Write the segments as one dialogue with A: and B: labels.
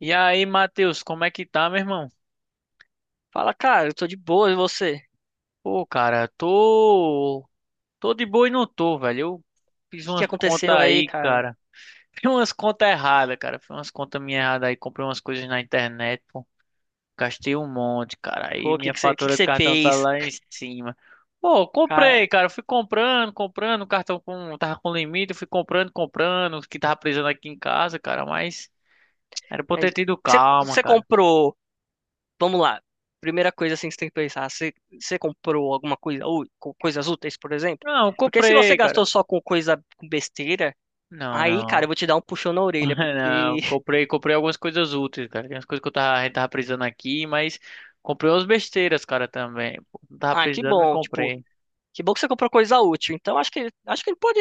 A: E aí, Matheus, como é que tá, meu irmão?
B: Fala, cara, eu tô de boa, e você? O
A: Pô, cara, tô. Tô de boa e não tô, velho. Eu fiz
B: que que
A: umas contas
B: aconteceu aí,
A: aí,
B: cara?
A: cara. Fiz umas contas erradas, cara. Fiz umas contas minhas erradas aí. Comprei umas coisas na internet, pô. Gastei um monte, cara. Aí
B: Pô,
A: minha
B: o que que
A: fatura do
B: você
A: cartão tá
B: fez,
A: lá em cima. Pô, comprei,
B: cara?
A: cara. Fui comprando, comprando. O cartão tava com limite. Eu Fui comprando, comprando. O que tava precisando aqui em casa, cara. Mas era pra
B: E
A: eu
B: aí,
A: ter tido calma,
B: Você
A: cara.
B: comprou, vamos lá, primeira coisa assim que você tem que pensar, você comprou alguma coisa, ou coisas úteis, por exemplo?
A: Não,
B: Porque se você
A: comprei, cara.
B: gastou só com coisa, com besteira,
A: Não,
B: aí, cara, eu
A: não.
B: vou te dar um puxão na orelha, porque,
A: Não, comprei algumas coisas úteis, cara. Tem umas coisas que a gente tava precisando aqui, mas comprei umas besteiras, cara, também. Pô, não tava
B: ah, que
A: precisando, me
B: bom, tipo,
A: comprei.
B: que bom que você comprou coisa útil, então acho que ele pode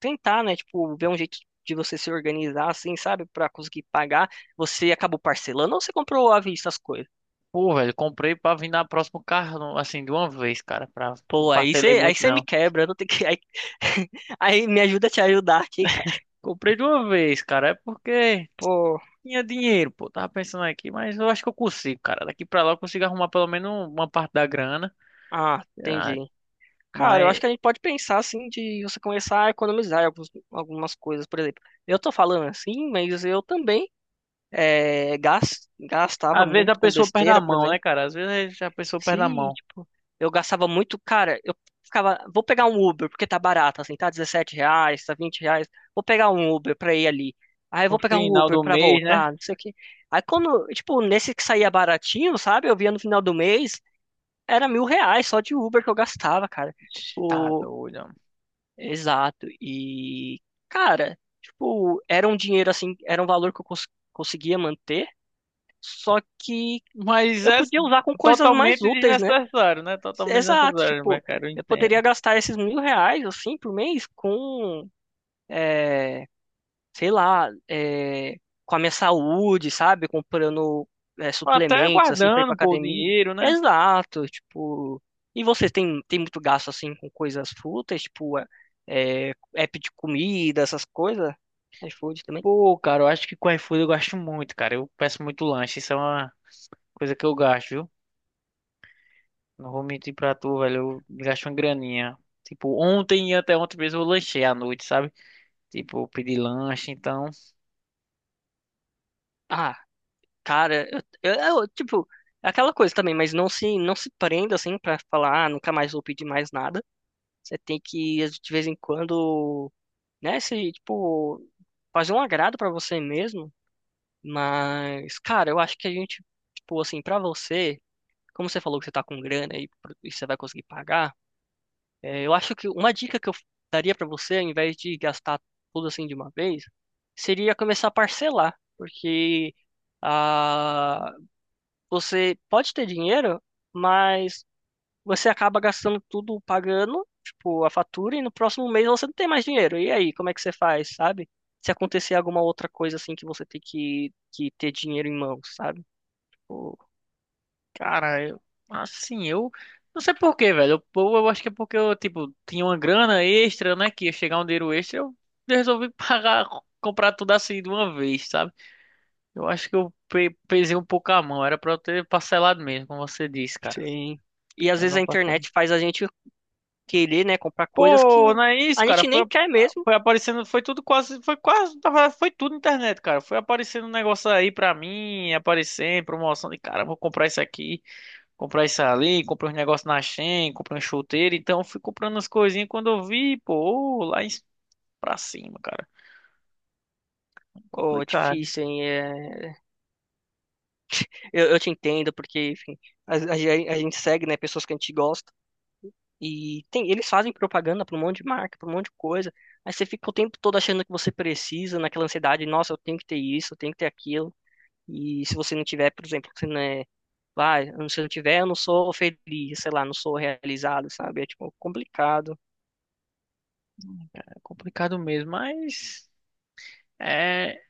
B: tentar, né? Tipo, ver um jeito de você se organizar, assim, sabe? Pra conseguir pagar. Você acabou parcelando ou você comprou à vista as coisas?
A: Pô, velho, comprei pra vir na próximo carro, assim, de uma vez, cara. Não
B: Pô,
A: parcelei
B: aí
A: muito,
B: você me
A: não.
B: quebra, eu não tenho que. Aí, aí me ajuda a te ajudar aqui, cara.
A: Comprei de uma vez, cara. É porque
B: Pô,
A: tinha dinheiro, pô. Tava pensando aqui, mas eu acho que eu consigo, cara. Daqui pra lá eu consigo arrumar pelo menos uma parte da grana.
B: ah,
A: Ah,
B: entendi. Cara, eu acho
A: mas
B: que a gente pode pensar, assim, de você começar a economizar em algumas coisas. Por exemplo, eu tô falando assim, mas eu também. É, gastava
A: às vezes a
B: muito com
A: pessoa perde a
B: besteira, por
A: mão, né,
B: exemplo.
A: cara? Às vezes a pessoa perde a
B: Sim,
A: mão.
B: tipo, eu gastava muito, cara, eu ficava, vou pegar um Uber, porque tá barato, assim, tá R$ 17, tá R$ 20, vou pegar um Uber pra ir ali. Aí eu
A: No
B: vou pegar um
A: final
B: Uber
A: do
B: pra
A: mês, né?
B: voltar, não sei o quê. Aí quando, tipo, nesse que saía baratinho, sabe, eu via no final do mês, era R$ 1.000 só de Uber que eu gastava, cara.
A: Tá
B: O...
A: doido.
B: Exato, e, cara, tipo, era um dinheiro, assim, era um valor que eu conseguia manter, só que
A: Mas
B: eu
A: é
B: podia usar com coisas mais
A: totalmente
B: úteis, né?
A: desnecessário, né? Totalmente
B: Exato,
A: desnecessário, vai,
B: tipo,
A: cara, eu
B: eu poderia
A: entendo.
B: gastar esses R$ 1.000, assim, por mês com, é, sei lá, é, com a minha saúde, sabe? Comprando, é,
A: Até
B: suplementos, assim, pra ir pra
A: guardando, pô, o
B: academia.
A: dinheiro, né?
B: Exato, tipo. E você tem, tem muito gasto, assim, com coisas fúteis, tipo, é, app de comida, essas coisas? iFood também?
A: Pô, cara, eu acho que com iFood eu gasto muito, cara. Eu peço muito lanche, isso é uma coisa que eu gasto, viu? Não vou mentir pra tu, velho, eu gasto uma graninha. Tipo, ontem e até ontem mesmo eu lanchei à noite, sabe? Tipo, eu pedi lanche, então.
B: Ah, cara, eu, tipo, é aquela coisa também, mas não se prenda, assim, pra falar, ah, nunca mais vou pedir mais nada. Você tem que, de vez em quando, né, se, tipo, fazer um agrado pra você mesmo. Mas, cara, eu acho que a gente, tipo, assim, pra você, como você falou que você tá com grana e, e você vai conseguir pagar, é, eu acho que uma dica que eu daria pra você, ao invés de gastar tudo assim de uma vez, seria começar a parcelar. Porque ah, você pode ter dinheiro, mas você acaba gastando tudo pagando, tipo, a fatura, e no próximo mês você não tem mais dinheiro. E aí, como é que você faz, sabe? Se acontecer alguma outra coisa assim que você tem que ter dinheiro em mãos, sabe? Tipo,
A: Cara, eu, assim, eu não sei por quê, velho. Eu acho que é porque eu, tipo, tinha uma grana extra, né? Que ia chegar um dinheiro extra, eu resolvi pagar, comprar tudo assim de uma vez, sabe? Eu acho que eu pesei um pouco a mão. Era pra eu ter parcelado mesmo, como você disse, cara.
B: Sim. E às
A: Pra
B: vezes
A: não
B: a
A: passar.
B: internet faz a gente querer, né, comprar coisas que
A: Pô, não é isso,
B: a
A: cara.
B: gente
A: Foi,
B: nem quer mesmo.
A: foi aparecendo, foi tudo quase, foi quase, na verdade, foi tudo internet, cara. Foi aparecendo um negócio aí pra mim, aparecendo, promoção de cara, vou comprar isso aqui. Comprar isso ali, comprei uns negócios na Shein, comprei um chuteiro, então eu fui comprando as coisinhas quando eu vi, pô, ô, lá em, pra cima, cara. É
B: Ô,
A: complicado,
B: difícil, hein? É, eu te entendo, porque, enfim, a gente segue, né, pessoas que a gente gosta. E tem, eles fazem propaganda para um monte de marca, para um monte de coisa. Aí você fica o tempo todo achando que você precisa, naquela ansiedade, nossa, eu tenho que ter isso, eu tenho que ter aquilo. E se você não tiver, por exemplo, você não é, vai, se eu não tiver, eu não sou feliz, sei lá, não sou realizado, sabe? É tipo complicado.
A: é complicado mesmo, mas é,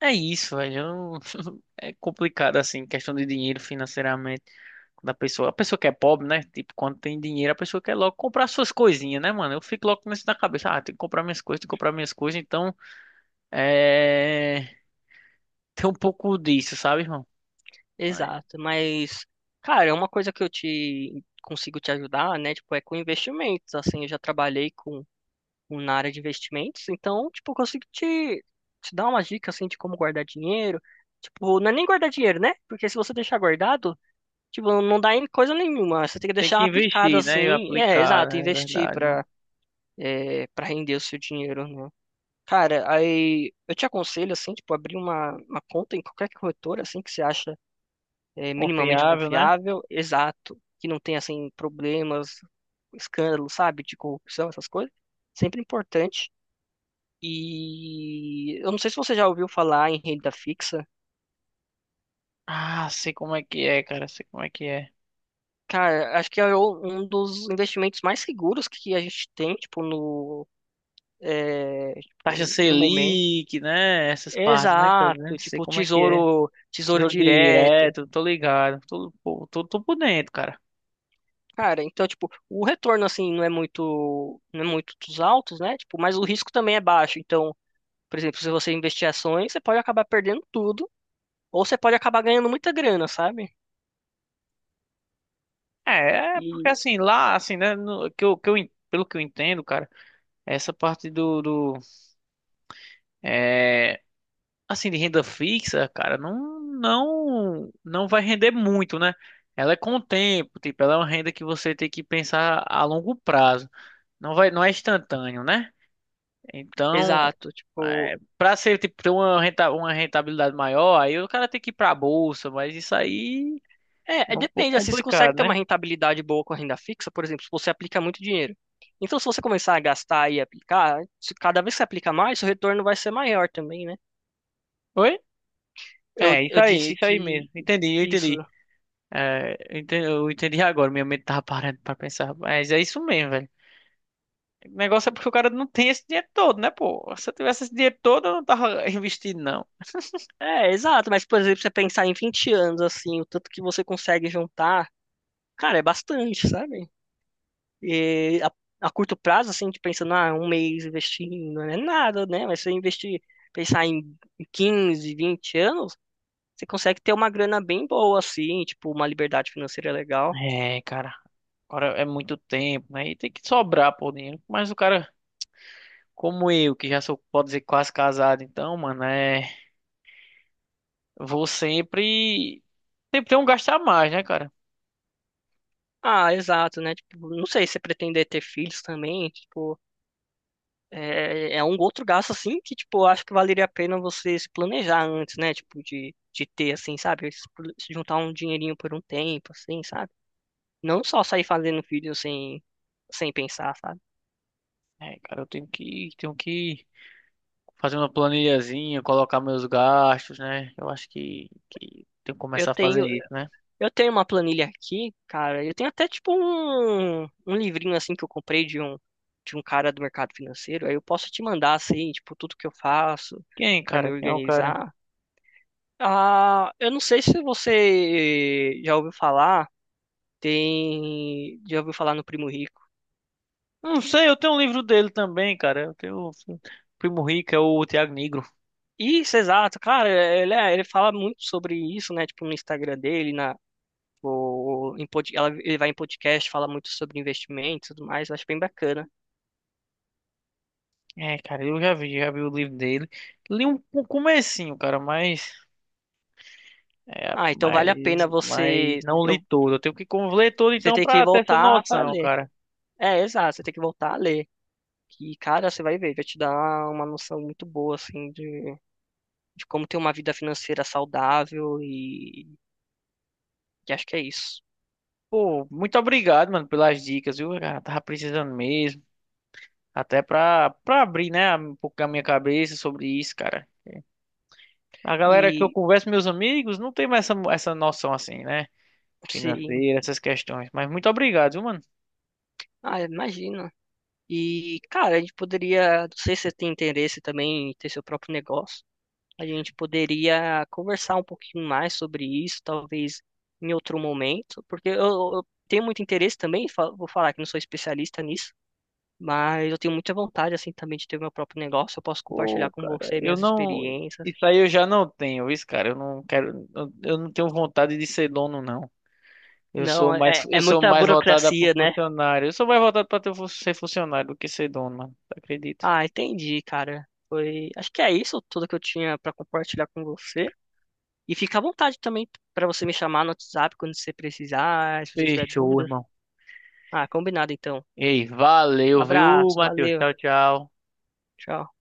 A: é isso, velho. Eu não- É complicado assim, questão de dinheiro financeiramente. Quando a pessoa que é pobre, né? Tipo, quando tem dinheiro, a pessoa quer logo comprar suas coisinhas, né, mano? Eu fico logo com isso na cabeça, ah, tem que comprar minhas coisas, tem que comprar minhas coisas, então é. Tem um pouco disso, sabe, irmão?
B: Exato, mas cara, é uma coisa que eu te consigo te ajudar, né? Tipo, é com investimentos, assim, eu já trabalhei com na área de investimentos, então, tipo, eu consigo te dar uma dica, assim, de como guardar dinheiro. Tipo, não é nem guardar dinheiro, né? Porque se você deixar guardado, tipo, não dá em coisa nenhuma. Você tem que
A: Tem que
B: deixar aplicado,
A: investir, né? E
B: assim. É,
A: aplicar,
B: exato,
A: né? É
B: investir
A: verdade, mano.
B: pra, é, pra render o seu dinheiro, né? Cara, aí eu te aconselho, assim, tipo, abrir uma conta em qualquer corretora, assim, que você acha é, minimamente
A: Confiável, né?
B: confiável, exato, que não tenha, assim, problemas, escândalos, sabe, de corrupção, essas coisas. Sempre importante. E eu não sei se você já ouviu falar em renda fixa.
A: Ah, sei como é que é, cara. Sei como é que é.
B: Cara, acho que é um dos investimentos mais seguros que a gente tem, tipo, no, é, tipo,
A: Taxa
B: no momento.
A: Selic, né? Essas partes, né? Que tá
B: Exato,
A: dizendo, sei
B: tipo,
A: como é que é.
B: tesouro
A: Tesouro
B: direto.
A: direto, tô ligado. Tô por dentro, cara.
B: Cara, então, tipo, o retorno, assim, não é muito dos altos, né? Tipo, mas o risco também é baixo. Então, por exemplo, se você investir ações, você pode acabar perdendo tudo, ou você pode acabar ganhando muita grana, sabe?
A: É porque
B: E,
A: assim, lá, assim, né? Pelo que eu entendo, cara, essa parte do, é, assim, de renda fixa, cara, não, não, não vai render muito, né? Ela é com o tempo, tipo, ela é uma renda que você tem que pensar a longo prazo. Não vai, não é instantâneo, né? Então,
B: exato, tipo,
A: para ser tipo ter uma rentabilidade maior, aí o cara tem que ir pra bolsa, mas isso aí
B: É,
A: é um pouco
B: depende, assim, você consegue
A: complicado,
B: ter uma
A: né?
B: rentabilidade boa com a renda fixa, por exemplo, se você aplica muito dinheiro. Então, se você começar a gastar e aplicar, se cada vez que você aplica mais, seu retorno vai ser maior também, né?
A: Oi?
B: Eu,
A: É,
B: eu disse
A: isso aí
B: que
A: mesmo. Entendi, eu
B: isso.
A: entendi. É, eu entendi agora, minha mente tava parando pra pensar. Mas é isso mesmo, velho. O negócio é porque o cara não tem esse dinheiro todo, né, pô? Se eu tivesse esse dinheiro todo, eu não tava investindo, não.
B: É, exato, mas, por exemplo, você pensar em 20 anos, assim, o tanto que você consegue juntar, cara, é bastante, sabe? E a curto prazo, assim, de pensando, ah, um mês investindo, não é nada, né? Mas se você investir, pensar em 15, 20 anos, Você consegue ter uma grana bem boa, assim, tipo, uma liberdade financeira legal.
A: É, cara. Agora é muito tempo, né? E tem que sobrar, pô, dinheiro. Mas o cara, como eu, que já sou, pode dizer, quase casado, então, mano, é. Vou sempre. Sempre ter um gastar mais, né, cara?
B: Ah, exato, né? Tipo, não sei se você pretender ter filhos também, tipo, é um outro gasto, assim, que, tipo, eu acho que valeria a pena você se planejar antes, né? Tipo, de ter, assim, sabe? Se juntar um dinheirinho por um tempo, assim, sabe? Não só sair fazendo filhos sem pensar, sabe?
A: É, cara, eu tenho que fazer uma planilhazinha, colocar meus gastos, né? Eu acho que tenho que
B: Eu
A: começar a fazer
B: tenho,
A: isso, né?
B: Eu tenho uma planilha aqui, cara. Eu tenho até tipo um livrinho assim que eu comprei de um cara do mercado financeiro. Aí eu posso te mandar assim, tipo, tudo que eu faço
A: Quem,
B: pra
A: cara?
B: me
A: Quem é o cara?
B: organizar. Ah, eu não sei se você já ouviu falar, tem já ouviu falar no Primo Rico.
A: Não sei, eu tenho um livro dele também, cara. Eu tenho o Primo Rico, é o Thiago Negro.
B: Isso, exato, cara, ele fala muito sobre isso, né? Tipo, no Instagram dele, na, o, em pod- ela- ele vai em podcast, fala muito sobre investimentos e tudo mais, eu acho bem bacana.
A: É, cara, eu já vi o livro dele. Li um comecinho, cara, mas é,
B: Ah, então
A: mas
B: vale a pena
A: mas
B: você.
A: não li
B: Eu
A: todo. Eu tenho que ler todo
B: Você
A: então
B: tem que
A: pra ter essa
B: voltar para
A: noção,
B: ler.
A: cara.
B: É, exato, você tem que voltar a ler. E, cara, você vai ver, vai te dar uma noção muito boa, assim, de, como ter uma vida financeira saudável e acho que é isso.
A: Pô, muito obrigado, mano, pelas dicas, viu? Cara, tava precisando mesmo. Até pra abrir, né, um pouco a minha cabeça sobre isso, cara. A galera que eu
B: E,
A: converso, meus amigos, não tem mais essa noção assim, né?
B: sim,
A: Financeira, essas questões. Mas muito obrigado, viu, mano?
B: ah, imagina. E, cara, a gente poderia, não sei se você tem interesse também em ter seu próprio negócio, a gente poderia conversar um pouquinho mais sobre isso, talvez em outro momento, porque eu tenho muito interesse também, vou falar que não sou especialista nisso, mas eu tenho muita vontade, assim, também de ter meu próprio negócio. Eu posso compartilhar
A: Pô,
B: com
A: cara,
B: você
A: eu
B: minhas
A: não.
B: experiências.
A: Isso aí eu já não tenho, isso, cara. Eu não quero. Eu não tenho vontade de ser dono, não. Eu
B: Não,
A: sou mais,
B: é
A: eu sou
B: muita
A: mais voltado para
B: burocracia, né?
A: funcionário. Eu sou mais voltado para ser funcionário do que ser dono, mano. Acredito.
B: Ah, entendi, cara. Foi, acho que é isso tudo que eu tinha para compartilhar com você. E fica à vontade também para você me chamar no WhatsApp quando você precisar, se você tiver
A: Fechou,
B: dúvidas.
A: irmão.
B: Ah, combinado então.
A: Ei, valeu, viu,
B: Abraço,
A: Matheus?
B: valeu,
A: Tchau, tchau.
B: tchau.